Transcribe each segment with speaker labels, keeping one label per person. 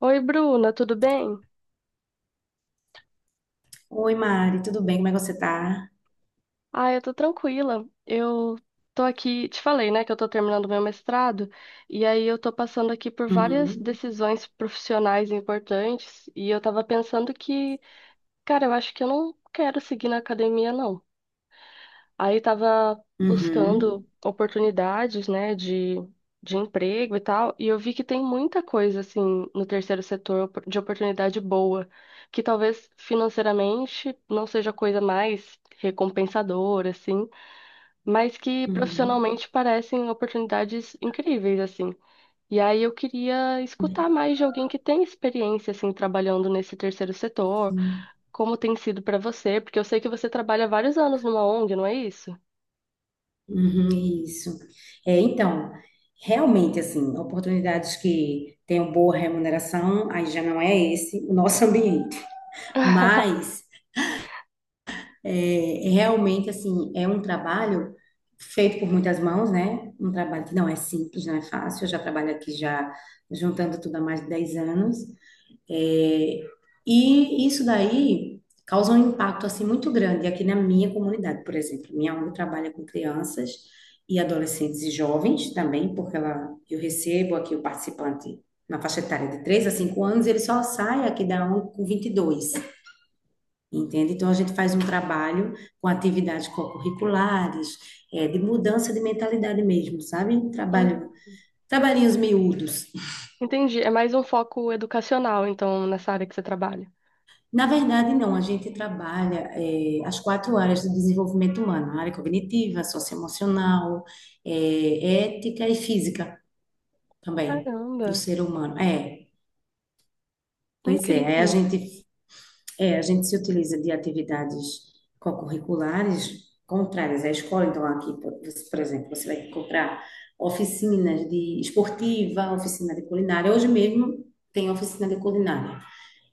Speaker 1: Oi, Bruna, tudo bem?
Speaker 2: Oi, Mari, tudo bem? Como é que você tá?
Speaker 1: Ah, eu tô tranquila. Eu tô aqui, te falei, né, que eu tô terminando meu mestrado, e aí eu tô passando aqui por várias
Speaker 2: Uhum,
Speaker 1: decisões profissionais importantes, e eu tava pensando que, cara, eu acho que eu não quero seguir na academia, não. Aí estava buscando
Speaker 2: uhum,
Speaker 1: oportunidades, né, de emprego e tal, e eu vi que tem muita coisa, assim, no terceiro setor de oportunidade boa, que talvez financeiramente não seja a coisa mais recompensadora, assim, mas que
Speaker 2: uhum,
Speaker 1: profissionalmente parecem oportunidades incríveis, assim. E aí eu queria escutar mais de alguém que tem experiência, assim, trabalhando nesse terceiro setor,
Speaker 2: uhum,
Speaker 1: como tem sido para você, porque eu sei que você trabalha há vários anos numa ONG, não é isso?
Speaker 2: uhum, isso. É, então, realmente, assim, oportunidades que tenham boa remuneração, aí já não é esse o nosso ambiente. Mas, é realmente, assim, é um trabalho feito por muitas mãos, né? Um trabalho que não é simples, não é fácil. Eu já trabalho aqui já juntando tudo há mais de 10 anos. É, e isso daí causa um impacto assim muito grande aqui na minha comunidade, por exemplo. Minha ONG trabalha com crianças e adolescentes e jovens também, porque ela, eu recebo aqui o participante na faixa etária de 3 a 5 anos, ele só sai aqui da ONG com 22, entende? Então a gente faz um trabalho com atividades curriculares, é, de mudança de mentalidade mesmo, sabe?
Speaker 1: Hum.
Speaker 2: Trabalho, trabalhinhos miúdos.
Speaker 1: Entendi. É mais um foco educacional, então, nessa área que você trabalha.
Speaker 2: Na verdade, não, a gente trabalha as quatro áreas do desenvolvimento humano, a área cognitiva, socioemocional, eh, ética e física também,
Speaker 1: Caramba,
Speaker 2: do ser humano. É, pois é, aí a
Speaker 1: incrível.
Speaker 2: gente, é, a gente se utiliza de atividades co-curriculares contrárias à escola, então aqui, por exemplo, você vai encontrar oficinas de esportiva, oficina de culinária, hoje mesmo tem oficina de culinária.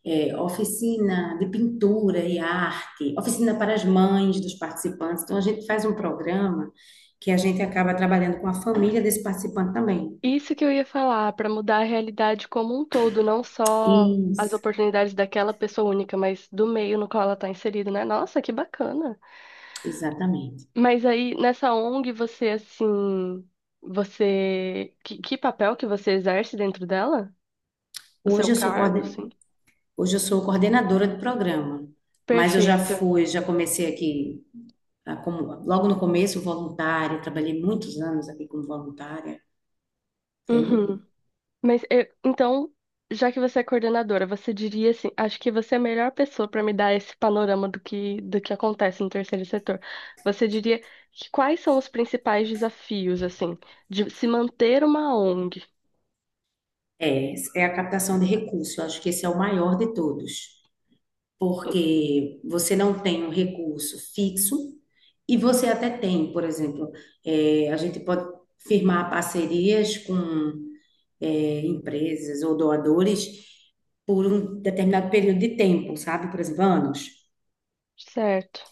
Speaker 2: É, oficina de pintura e arte, oficina para as mães dos participantes. Então, a gente faz um programa que a gente acaba trabalhando com a família desse participante também.
Speaker 1: Isso que eu ia falar, para mudar a realidade como um todo, não só as
Speaker 2: Isso,
Speaker 1: oportunidades daquela pessoa única, mas do meio no qual ela está inserida, né? Nossa, que bacana.
Speaker 2: exatamente.
Speaker 1: Mas aí, nessa ONG, você, assim, você... que papel que você exerce dentro dela? O seu
Speaker 2: Hoje eu sou,
Speaker 1: cargo,
Speaker 2: coorden-
Speaker 1: assim?
Speaker 2: Hoje eu sou coordenadora de programa, mas eu já
Speaker 1: Perfeito.
Speaker 2: fui, já comecei aqui, ah, como, logo no começo, voluntária, trabalhei muitos anos aqui como voluntária, entende?
Speaker 1: Uhum. Então, já que você é coordenadora, você diria assim, acho que você é a melhor pessoa para me dar esse panorama do que acontece no terceiro setor. Você diria que quais são os principais desafios, assim, de se manter uma ONG?
Speaker 2: É, é a captação de recursos, eu acho que esse é o maior de todos. Porque você não tem um recurso fixo e você até tem, por exemplo, a gente pode firmar parcerias com empresas ou doadores por um determinado período de tempo, sabe? Por exemplo, anos.
Speaker 1: Certo,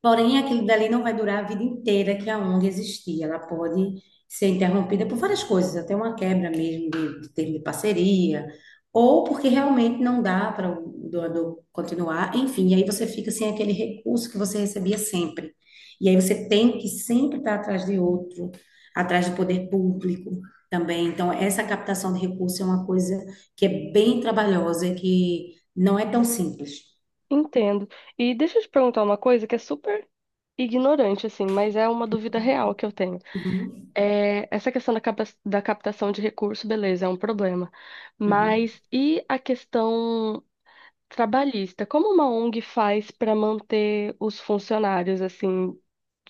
Speaker 2: Porém, aquilo dali não vai durar a vida inteira que a ONG existir. Ela pode ser interrompida por várias coisas, até uma quebra mesmo de termo de parceria, ou porque realmente não dá para o doador continuar. Enfim, e aí você fica sem aquele recurso que você recebia sempre. E aí você tem que sempre estar atrás de outro, atrás do poder público também. Então, essa captação de recurso é uma coisa que é bem trabalhosa, que não é tão simples.
Speaker 1: entendo. E deixa eu te perguntar uma coisa que é super ignorante, assim, mas é uma dúvida real que eu tenho.
Speaker 2: Uhum,
Speaker 1: É, essa questão da, da captação de recurso, beleza, é um problema.
Speaker 2: uhum,
Speaker 1: Mas e a questão trabalhista, como uma ONG faz para manter os funcionários, assim,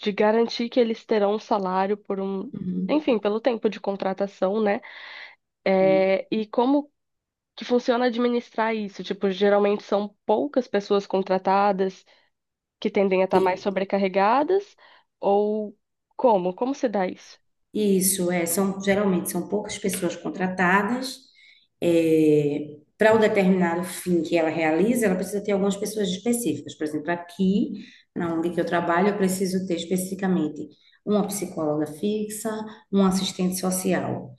Speaker 1: de garantir que eles terão um salário por um,
Speaker 2: uhum,
Speaker 1: enfim, pelo tempo de contratação, né?
Speaker 2: uhum.
Speaker 1: É, e como que funciona administrar isso? Tipo, geralmente são poucas pessoas contratadas que tendem a estar mais
Speaker 2: E-
Speaker 1: sobrecarregadas, ou como? Como se dá isso?
Speaker 2: isso, é, são, geralmente são poucas pessoas contratadas. É, para o determinado fim que ela realiza, ela precisa ter algumas pessoas específicas. Por exemplo, aqui, na ONG que eu trabalho, eu preciso ter especificamente uma psicóloga fixa, um assistente social.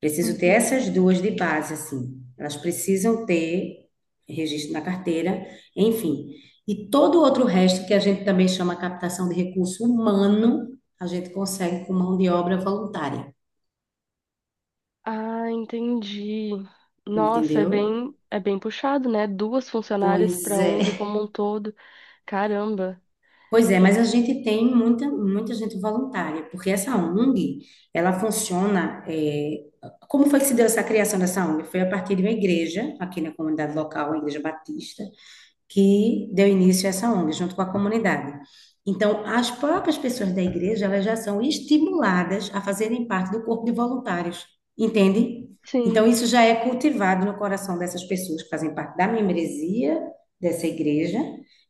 Speaker 2: Preciso ter
Speaker 1: Uhum.
Speaker 2: essas duas de base, assim. Elas precisam ter registro na carteira, enfim. E todo o outro resto, que a gente também chama captação de recurso humano, a gente consegue com mão de obra voluntária,
Speaker 1: Ah, entendi. Nossa,
Speaker 2: entendeu?
Speaker 1: é bem puxado, né? Duas funcionárias para
Speaker 2: Pois
Speaker 1: a ONG
Speaker 2: é.
Speaker 1: como um todo. Caramba.
Speaker 2: Pois é,
Speaker 1: E-
Speaker 2: mas a gente tem muita, muita gente voluntária, porque essa ONG, ela funciona. É, como foi que se deu essa criação dessa ONG? Foi a partir de uma igreja, aqui na comunidade local, a Igreja Batista, que deu início a essa ONG, junto com a comunidade. Então, as próprias pessoas da igreja, elas já são estimuladas a fazerem parte do corpo de voluntários, entende? Então,
Speaker 1: Sim.
Speaker 2: isso já é cultivado no coração dessas pessoas que fazem parte da membresia dessa igreja.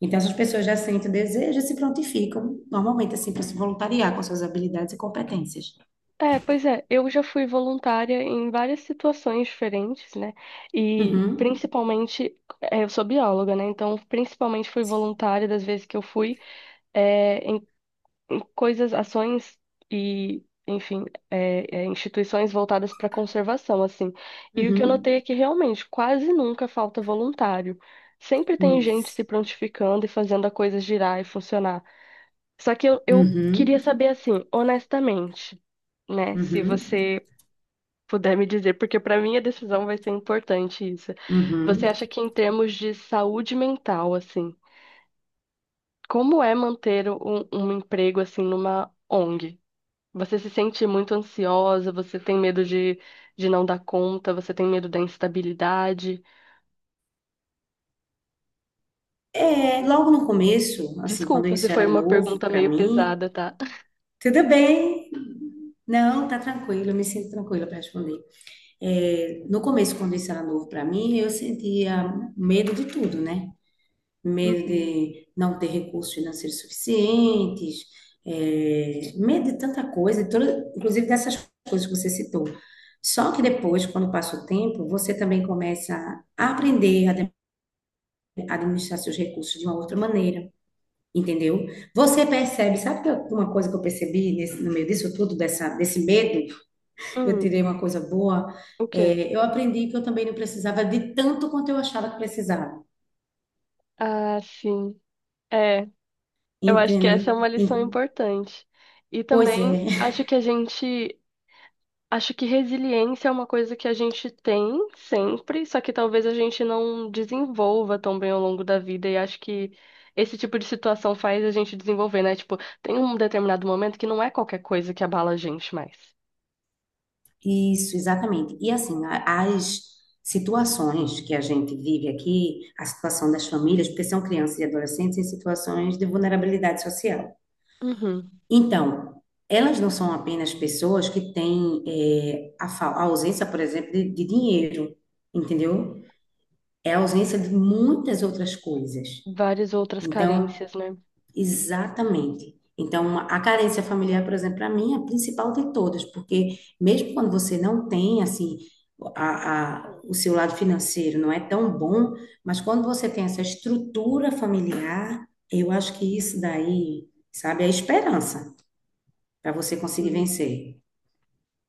Speaker 2: Então, essas pessoas já sentem o desejo e se prontificam, normalmente, assim, para se voluntariar com suas habilidades e competências.
Speaker 1: É, pois é, eu já fui voluntária em várias situações diferentes, né? E
Speaker 2: Uhum,
Speaker 1: principalmente, é, eu sou bióloga, né? Então, principalmente fui voluntária das vezes que eu fui, é, em, em coisas, ações e, enfim, é, é, instituições voltadas para conservação, assim. E o que eu
Speaker 2: uhum,
Speaker 1: notei é que realmente quase nunca falta voluntário. Sempre tem gente
Speaker 2: isso.
Speaker 1: se prontificando e fazendo a coisa girar e funcionar. Só que eu queria
Speaker 2: Uhum,
Speaker 1: saber, assim, honestamente, né? Se
Speaker 2: uhum,
Speaker 1: você puder me dizer, porque para mim a decisão vai ser importante isso. Você
Speaker 2: uhum.
Speaker 1: acha que em termos de saúde mental, assim, como é manter um, um emprego, assim, numa ONG? Você se sente muito ansiosa, você tem medo de não dar conta, você tem medo da instabilidade?
Speaker 2: É, logo no começo, assim, quando
Speaker 1: Desculpa se
Speaker 2: isso
Speaker 1: foi
Speaker 2: era
Speaker 1: uma
Speaker 2: novo
Speaker 1: pergunta
Speaker 2: para
Speaker 1: meio
Speaker 2: mim,
Speaker 1: pesada, tá?
Speaker 2: tudo bem, não, tá tranquilo, eu me sinto tranquila para responder. É, no começo, quando isso era novo para mim, eu sentia medo de tudo, né? Medo
Speaker 1: Uhum.
Speaker 2: de não ter recursos financeiros suficientes, é, medo de tanta coisa, inclusive dessas coisas que você citou. Só que depois, quando passa o tempo, você também começa a aprender administrar seus recursos de uma outra maneira. Entendeu? Você percebe, uma coisa que eu percebi no meio disso tudo, desse medo, eu
Speaker 1: Hum,
Speaker 2: tirei uma coisa boa,
Speaker 1: o quê?
Speaker 2: é, eu aprendi que eu também não precisava de tanto quanto eu achava que precisava,
Speaker 1: Ah, sim. É, eu acho que essa é
Speaker 2: entende?
Speaker 1: uma
Speaker 2: E-
Speaker 1: lição importante. E
Speaker 2: pois
Speaker 1: também
Speaker 2: é,
Speaker 1: acho que a gente, acho que resiliência é uma coisa que a gente tem sempre, só que talvez a gente não desenvolva tão bem ao longo da vida. E acho que esse tipo de situação faz a gente desenvolver, né? Tipo, tem um determinado momento que não é qualquer coisa que abala a gente mais.
Speaker 2: isso, exatamente. E assim, as situações que a gente vive aqui, a situação das famílias, porque são crianças e adolescentes em situações de vulnerabilidade social.
Speaker 1: Uhum.
Speaker 2: Então, elas não são apenas pessoas que têm a ausência, por exemplo, de dinheiro, entendeu? É a ausência de muitas outras coisas.
Speaker 1: Várias outras
Speaker 2: Então,
Speaker 1: carências, né?
Speaker 2: exatamente. Então, a carência familiar, por exemplo, para mim é a principal de todas, porque mesmo quando você não tem, assim, o seu lado financeiro não é tão bom, mas quando você tem essa estrutura familiar, eu acho que isso daí, sabe, é a esperança para você conseguir
Speaker 1: Hum.
Speaker 2: vencer.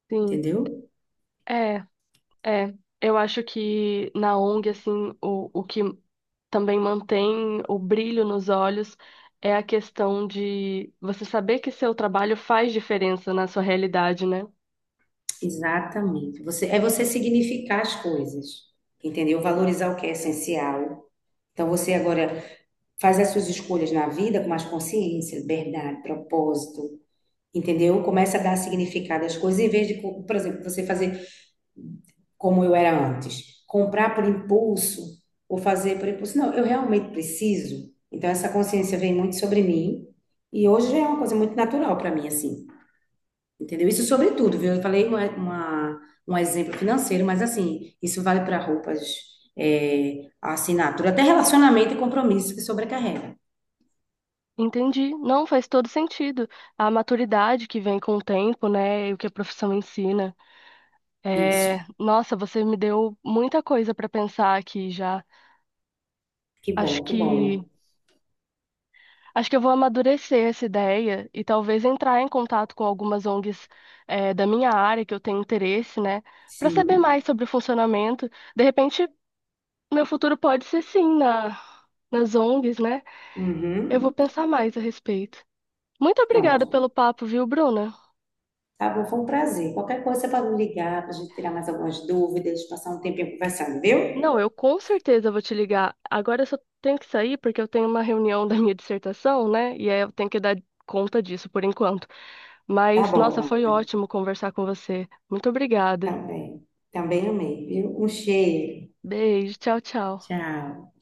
Speaker 1: Sim.
Speaker 2: Entendeu?
Speaker 1: É. É, eu acho que na ONG, assim, o que também mantém o brilho nos olhos é a questão de você saber que seu trabalho faz diferença na sua realidade, né?
Speaker 2: Exatamente. Você, é você significar as coisas, entendeu? Valorizar o que é essencial. Então você agora faz as suas escolhas na vida com mais consciência, liberdade, propósito, entendeu? Começa a dar significado às coisas em vez de, por exemplo, você fazer como eu era antes, comprar por impulso ou fazer por impulso. Não, eu realmente preciso. Então essa consciência vem muito sobre mim e hoje já é uma coisa muito natural para mim assim. Entendeu? Isso sobre tudo, viu? Eu falei um exemplo financeiro, mas assim, isso vale para roupas, é, assinatura, até relacionamento e compromisso que sobrecarrega.
Speaker 1: Entendi. Não, faz todo sentido. A maturidade que vem com o tempo, né? E o que a profissão ensina.
Speaker 2: Isso.
Speaker 1: É, nossa, você me deu muita coisa para pensar aqui já.
Speaker 2: Que
Speaker 1: Acho
Speaker 2: bom, que bom.
Speaker 1: que. Acho que eu vou amadurecer essa ideia e talvez entrar em contato com algumas ONGs, da minha área que eu tenho interesse, né? Para saber
Speaker 2: Sim.
Speaker 1: mais sobre o funcionamento. De repente, meu futuro pode ser sim na, nas ONGs, né? Eu vou
Speaker 2: Uhum.
Speaker 1: pensar mais a respeito. Muito obrigada
Speaker 2: Pronto.
Speaker 1: pelo papo, viu, Bruna?
Speaker 2: Tá bom, foi um prazer. Qualquer coisa você pode me ligar para a gente tirar mais algumas dúvidas, passar um tempinho conversando, viu?
Speaker 1: Não, eu com certeza vou te ligar. Agora eu só tenho que sair porque eu tenho uma reunião da minha dissertação, né? E aí eu tenho que dar conta disso por enquanto.
Speaker 2: Tá
Speaker 1: Mas,
Speaker 2: bom,
Speaker 1: nossa, foi
Speaker 2: Mário.
Speaker 1: ótimo conversar com você. Muito obrigada.
Speaker 2: Também. Também amei, viu? Um cheiro.
Speaker 1: Beijo, tchau, tchau.
Speaker 2: Tchau.